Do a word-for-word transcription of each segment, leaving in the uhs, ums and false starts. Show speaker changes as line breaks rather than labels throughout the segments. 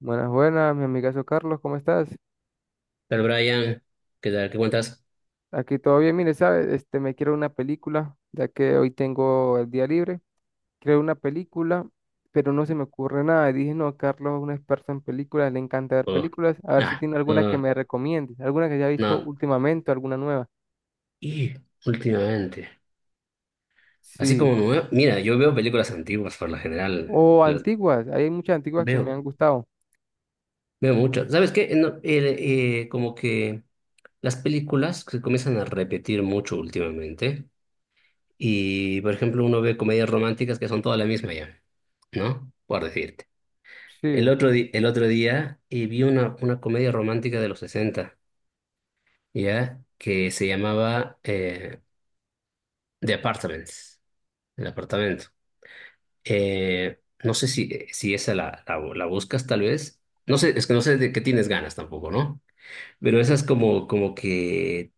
Buenas, buenas, mi amigazo Carlos, ¿cómo estás?
Pero Brian, ¿qué tal? ¿Qué cuentas?
Aquí todo bien, mire, ¿sabes? Este, me quiero una película, ya que hoy tengo el día libre. Quiero una película, pero no se me ocurre nada. Y dije, no, Carlos es un experto en películas, le encanta ver
Oh,
películas. A ver si
nada,
tiene alguna que
no,
me recomiende, alguna que haya visto
no.
últimamente, alguna nueva.
Y últimamente, así
Sí.
como me veo- mira, yo veo películas antiguas por lo general,
O
las
antiguas, hay muchas antiguas que me han
veo,
gustado.
veo mucho. ¿Sabes qué? No, eh, eh, como que las películas se comienzan a repetir mucho últimamente y, por ejemplo, uno ve comedias románticas que son todas la misma ya, ¿no? Por decirte. El
Sí.
otro, di- el otro día eh, vi una, una comedia romántica de los sesenta, ¿ya? Que se llamaba... eh, de Apartments, el apartamento. Eh, no sé si, si esa la, la, la buscas tal vez. No sé, es que no sé de qué tienes ganas tampoco, ¿no? Pero esa es como, como que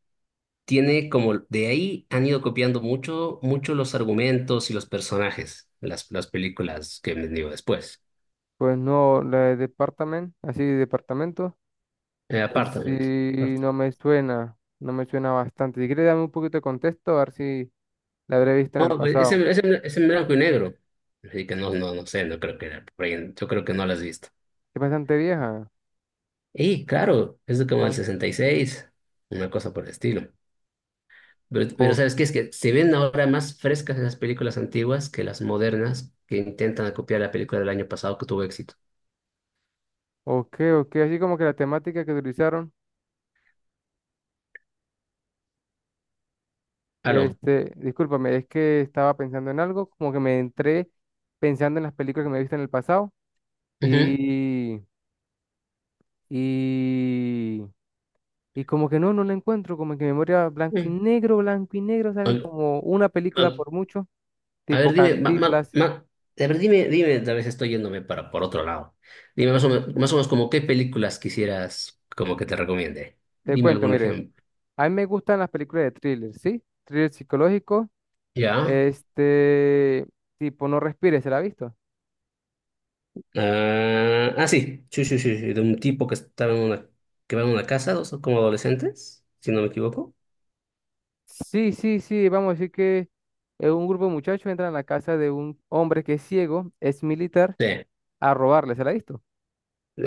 tiene como, de ahí han ido copiando mucho, mucho los argumentos y los personajes, las, las películas que me digo después.
Pues no, la de Departament, así, Departamento.
Eh,
En
Apartment.
sí
Apartment.
no me suena, no me suena bastante. Si quieres dame un poquito de contexto, a ver si la habré visto en
No,
el
pues,
pasado.
ese, ese, ese en blanco y negro. Así que no, no, no sé, no creo que era por ahí. Yo creo que no lo has visto.
Es bastante vieja.
Y claro, es de como el
Ah,
sesenta y seis, una cosa por el estilo. Pero, pero
o-
¿sabes qué? Es que se ven ahora más frescas esas películas antiguas que las modernas que intentan copiar la película del año pasado que tuvo éxito.
ok, ok, así como que la temática que utilizaron,
Aló.
este, discúlpame, es que estaba pensando en algo, como que me entré pensando en las películas que me he visto en el pasado
Ujú.
y, y, y como que no, no la encuentro, como que memoria blanco y
Sí.
negro, blanco y negro, salen
Ol-
como una película
ol-
por mucho,
A ver,
tipo
dime, ma- ma-
Cantiflas.
ma- a ver, dime, dime, a veces estoy yéndome para por otro lado. Dime más o menos, más o menos como qué películas quisieras como que te recomiende.
Te
Dime
cuento,
algún
mire.
ejemplo.
A mí me gustan las películas de thriller, ¿sí? Thriller psicológico.
¿Ya?
Este, tipo, No respires, ¿se la ha visto?
Ah, ah, sí. Sí, sí, sí, sí, de un tipo que estaba en una, que va en una casa, dos como adolescentes, si no me equivoco.
Sí, sí, sí, vamos a decir que eh, un grupo de muchachos entran a la casa de un hombre que es ciego, es militar,
Sí.
a robarle, ¿se la ha visto?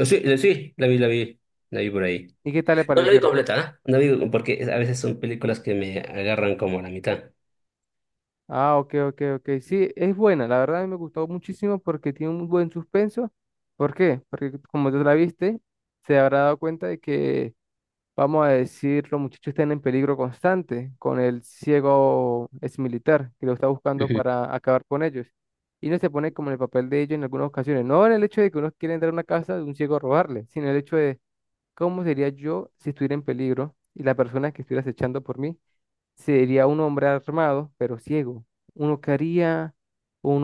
Sí, sí, la vi, la vi, la vi por ahí.
¿Y qué tal le
No la vi
pareció?
completa, ¿no? No vi porque a veces son películas que me agarran como a la mitad.
Ah, ok, ok, ok. Sí, es buena, la verdad a mí me gustó muchísimo porque tiene un buen suspenso. ¿Por qué? Porque como tú la viste, se habrá dado cuenta de que, vamos a decir, los muchachos están en peligro constante con el ciego exmilitar que lo está
¿Eh?
buscando
Ujú.
para acabar con ellos. Y uno se pone como en el papel de ellos en algunas ocasiones, no en el hecho de que uno quiere entrar a una casa de un ciego a robarle, sino el hecho de cómo sería yo si estuviera en peligro y la persona que estuviera acechando por mí sería un hombre armado, pero ciego. Uno que haría,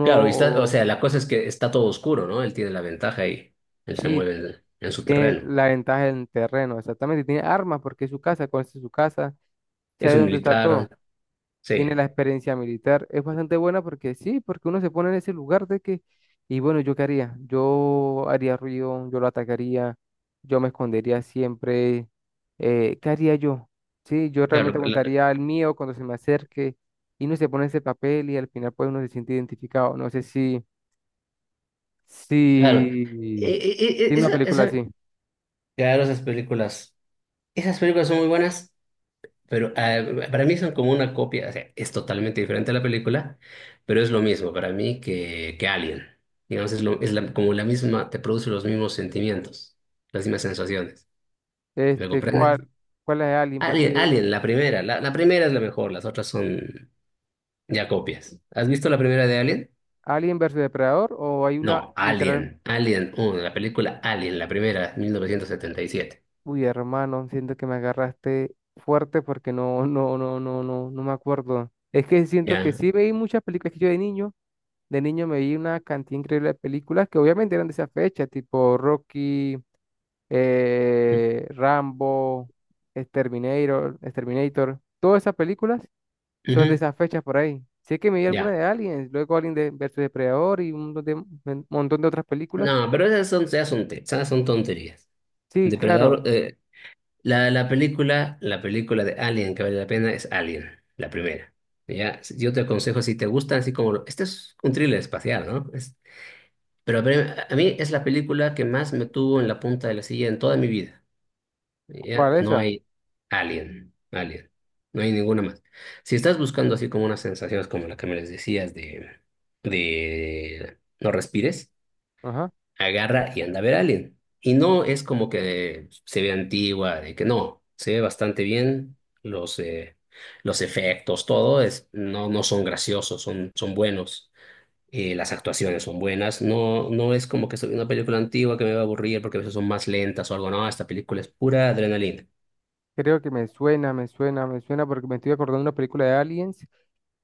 Claro, y está, o sea, la cosa es que está todo oscuro, ¿no? Él tiene la ventaja y él se
Sí,
mueve en, en su
tiene
terreno.
la ventaja en terreno, exactamente, tiene armas porque es su casa, conoce su casa,
Es
sabe
un
dónde está
militar,
todo.
sí,
Tiene la experiencia militar. Es bastante buena porque sí, porque uno se pone en ese lugar de que, y bueno, ¿yo qué haría? Yo haría ruido, yo lo atacaría, yo me escondería siempre. eh, Qué haría yo? Sí, yo
claro,
realmente
lo- la-
contaría el mío cuando se me acerque y uno se pone en ese papel y al final pues uno se siente identificado. No sé si,
claro.
si
E- e- e-
tiene una
esa-
película
esa-
así.
claro, esas películas, esas películas son muy buenas. Pero ah, para mí son como una copia, o sea, es totalmente diferente a la película, pero es lo mismo para mí que, que Alien. Digamos, es, lo, es la- como la misma, te produce los mismos sentimientos, las mismas sensaciones. ¿Me
Este,
comprendes?
¿cuál, cuál es Alien?
Alien,
Porque
Alien, la primera, la, la primera es la mejor, las otras son ya copias. ¿Has visto la primera de Alien?
Alien versus Depredador o hay una
No,
literal...
Alien, Alien uno, la película Alien, la primera, mil novecientos setenta y siete.
Uy, hermano, siento que me agarraste fuerte porque no, no, no, no, no, no me acuerdo. Es que siento que
Ya.
sí veí muchas películas que yo de niño, de niño me vi una cantidad increíble de películas que obviamente eran de esa fecha, tipo Rocky, eh, Rambo, Exterminator, Exterminator. Todas esas películas son de
Ujú,
esas fechas por ahí. Sé que me vi alguna
ya.
de Aliens, luego Alien de versus Depredador y un montón de, un montón de otras películas.
No, pero esas son, ya son, te- esas son tonterías.
Sí, claro,
Depredador, eh, la, la película, la película de Alien que vale la pena es Alien, la primera. Ya, yo te aconsejo si te gustan así como lo- este es un thriller espacial, ¿no? Es- pero a ver, a mí es la película que más me tuvo en la punta de la silla en toda mi vida. Ya,
¿cuál es
no
esa?
hay Alien, Alien, no hay ninguna más. Si estás buscando así como unas sensaciones como la que me les decías de de no respires,
Ajá.
agarra y anda a ver a alguien. Y no es como que se ve antigua, de que no, se ve bastante bien los, eh, los efectos, todo es, no, no son graciosos, son, son buenos. Eh, las actuaciones son buenas, no, no es como que soy una película antigua que me va a aburrir porque a veces son más lentas o algo, no, esta película es pura adrenalina.
Creo que me suena, me suena, me suena porque me estoy acordando de una película de Aliens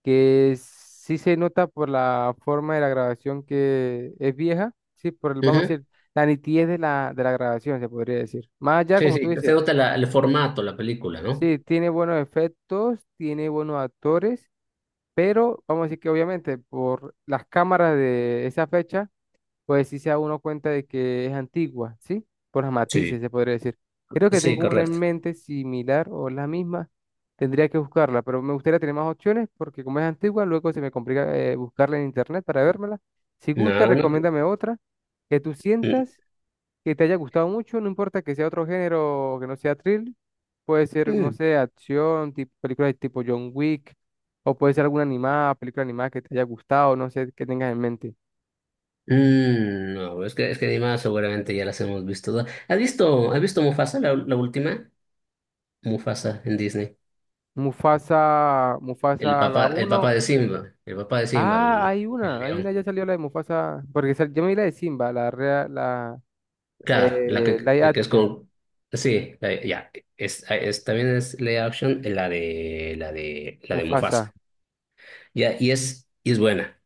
que sí se nota por la forma de la grabación que es vieja, sí, por el, vamos a
Ujú.
decir, la nitidez de la, de la grabación, se podría decir. Más allá,
Sí,
como tú
sí,
dices,
se nota la- el formato, la película, ¿no?
sí, tiene buenos efectos, tiene buenos actores, pero vamos a decir que obviamente por las cámaras de esa fecha pues sí se da uno cuenta de que es antigua, ¿sí? Por los
Sí,
matices, se podría decir. Creo que
sí,
tengo una en
correcto.
mente similar o la misma. Tendría que buscarla, pero me gustaría tener más opciones porque como es antigua, luego se me complica eh, buscarla en internet para vérmela. Si gusta,
No, no,
recomiéndame otra que tú
mm,
sientas que te haya gustado mucho, no importa que sea otro género o que no sea thrill. Puede ser, no
mm.
sé, acción, tipo, películas tipo John Wick, o puede ser alguna animada, película animada que te haya gustado, no sé, que tengas en mente.
Mm, no, es que, es que Dima seguramente ya las hemos visto todas. ¿Has visto, has visto Mufasa, la, la última? Mufasa en Disney.
Mufasa,
El
Mufasa la
papá, el papá
uno.
de Simba, el papá de Simba,
Ah,
el,
hay
el
una, hay una,
león.
ya salió la de Mufasa, porque sal- yo me vi la de Simba, la real, la
Claro, la
eh,
que,
live
que es
action,
con... Sí, la- ya, es, es- también es live action, eh, la de, la de, la de Mufasa.
Mufasa.
Ya, y es, y es buena,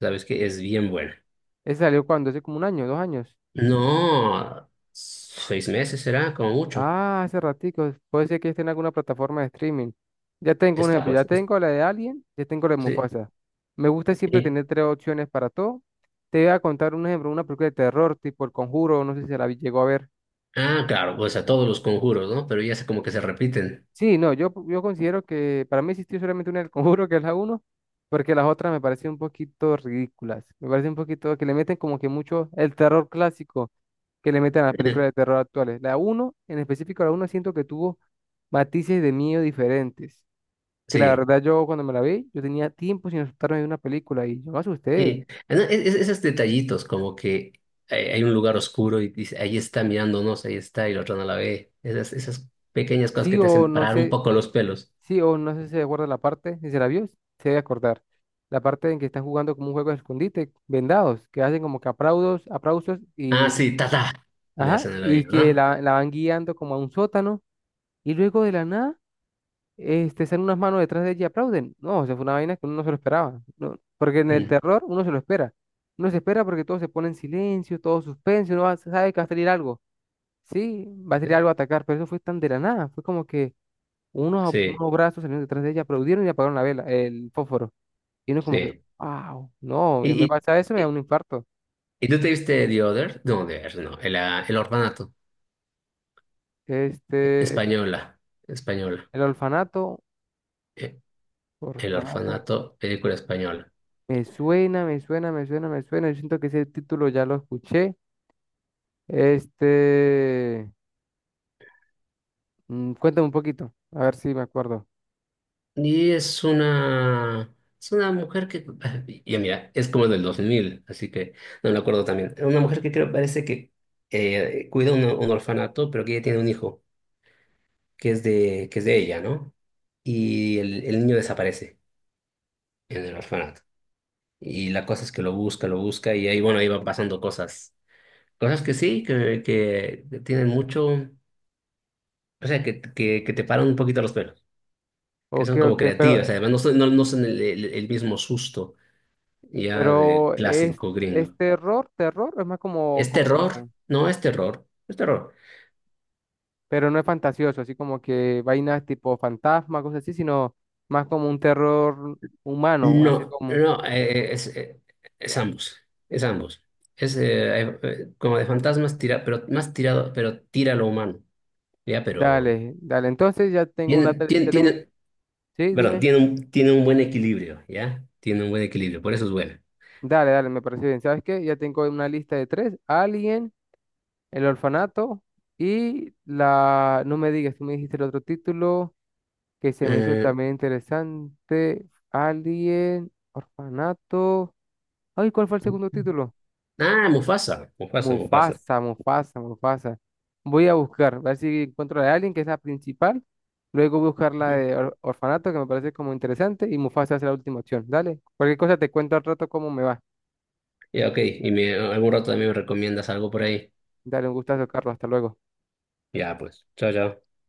¿sabes que es bien buena?
Esa salió cuando, ¿hace como un año, dos años?
No, seis meses será, como mucho.
Ah, hace ratico, puede ser que esté en alguna plataforma de streaming. Ya tengo un
Está
ejemplo, ya
pues, es-
tengo la de Alien, ya tengo la de
sí.
Mufasa. Me gusta siempre tener tres opciones para todo. Te voy a contar un ejemplo, una película de terror tipo El Conjuro, no sé si la vi- llegó a ver.
Ah, claro, pues a todos los conjuros, ¿no? Pero ya sé como que se repiten.
Sí, no, yo, yo considero que para mí existió solamente una del Conjuro, que es la uno, porque las otras me parecen un poquito ridículas. Me parece un poquito que le meten como que mucho el terror clásico que le meten a las películas de terror actuales. La uno, en específico, la uno, siento que tuvo matices de miedo diferentes. Que la
Sí.
verdad yo cuando me la vi, yo tenía tiempo sin asustarme de una película y yo me asusté.
Y no, es- es- esos detallitos, como que hay, hay un lugar oscuro y dice, ahí está mirándonos, ahí está, y la otra no la ve. Esas, esas pequeñas cosas
Sí
que te
o
hacen
no
parar un
sé,
poco los pelos.
sí, o no sé si se acuerda la parte, si se la vio, se debe acordar. La parte en que están jugando como un juego de escondite, vendados, que hacen como que aplausos, aplausos
Ah,
y,
sí, tata, le
ajá,
hacen el
y
oído,
que
¿no?
la, la van guiando como a un sótano y luego de la nada, este, salen unas manos detrás de ella y aplauden. No, o sea, fue una vaina que uno no se lo esperaba, no, porque en el
Mm.
terror uno se lo espera. Uno se espera porque todo se pone en silencio, todo suspenso, uno va- sabe que va a salir algo. Sí, va a salir algo a atacar, pero eso fue tan de la nada, fue como que unos,
Sí,
unos brazos salieron detrás de ella, aplaudieron y apagaron la vela, el fósforo. Y uno como que,
sí.
wow, no, ya
¿Y,
me
y,
pasa eso, me da
y-
un infarto.
y tú te viste The Other? No, The Other, no, el, ah, el orfanato, eh,
Este,
española, española.
el orfanato,
Eh, El
orfanato,
orfanato, película española.
me suena, me suena, me suena, me suena. Yo siento que ese título ya lo escuché. Este, mm, cuéntame un poquito, a ver si me acuerdo.
Y es una, es una mujer que, y mira, es como del dos mil así que no me acuerdo también. Una mujer que creo parece que eh, cuida un, un orfanato, pero que ella tiene un hijo, que es de, que es de ella, ¿no? Y el, el niño desaparece en el orfanato. Y la cosa es que lo busca, lo busca, y ahí, bueno, ahí van pasando cosas. Cosas que sí, que, que tienen mucho, o sea, que, que, que te paran un poquito los pelos, que
Ok,
son como
ok, pero,
creativas, además no, son- no, no son el el- el mismo susto ya de
pero es,
clásico
es
gringo.
terror, terror, es más como,
¿Es terror?
como,
No es terror, es terror.
pero no es fantasioso, así como que vainas tipo fantasma, cosas así, sino más como un terror humano, así
No,
como...
no, eh, es, eh, es ambos, es ambos. Es eh, eh, eh, como de fantasmas, tira, pero más tirado, pero tira a lo humano, ¿ya? Pero
Dale, dale, entonces ya tengo una,
tiene,
tre-
tiene,
ya tengo,
tiene,
sí,
perdón,
dime,
tiene un, tiene un buen equilibrio, ¿ya? Tiene un buen equilibrio, por eso es buena.
dale, dale, me parece bien, ¿sabes qué? Ya tengo una lista de tres, Alien, El Orfanato y la, no me digas, tú me dijiste el otro título que se me hizo
Eh,
también interesante, Alien, Orfanato, ay, ¿cuál fue el segundo título?
ah, Mufasa, Mufasa, Mufasa.
Mufasa, Mufasa, Mufasa. Voy a buscar, a ver si encuentro a alguien que es la principal. Luego voy a buscar la
Ujú.
de or- orfanato, que me parece como interesante, y Mufasa es la última opción. Dale, cualquier cosa te cuento al rato cómo me va.
Ya, ok, y me, algún rato también me recomiendas algo por ahí.
Dale, un gustazo, Carlos, hasta luego.
Ya, pues, chao, chao.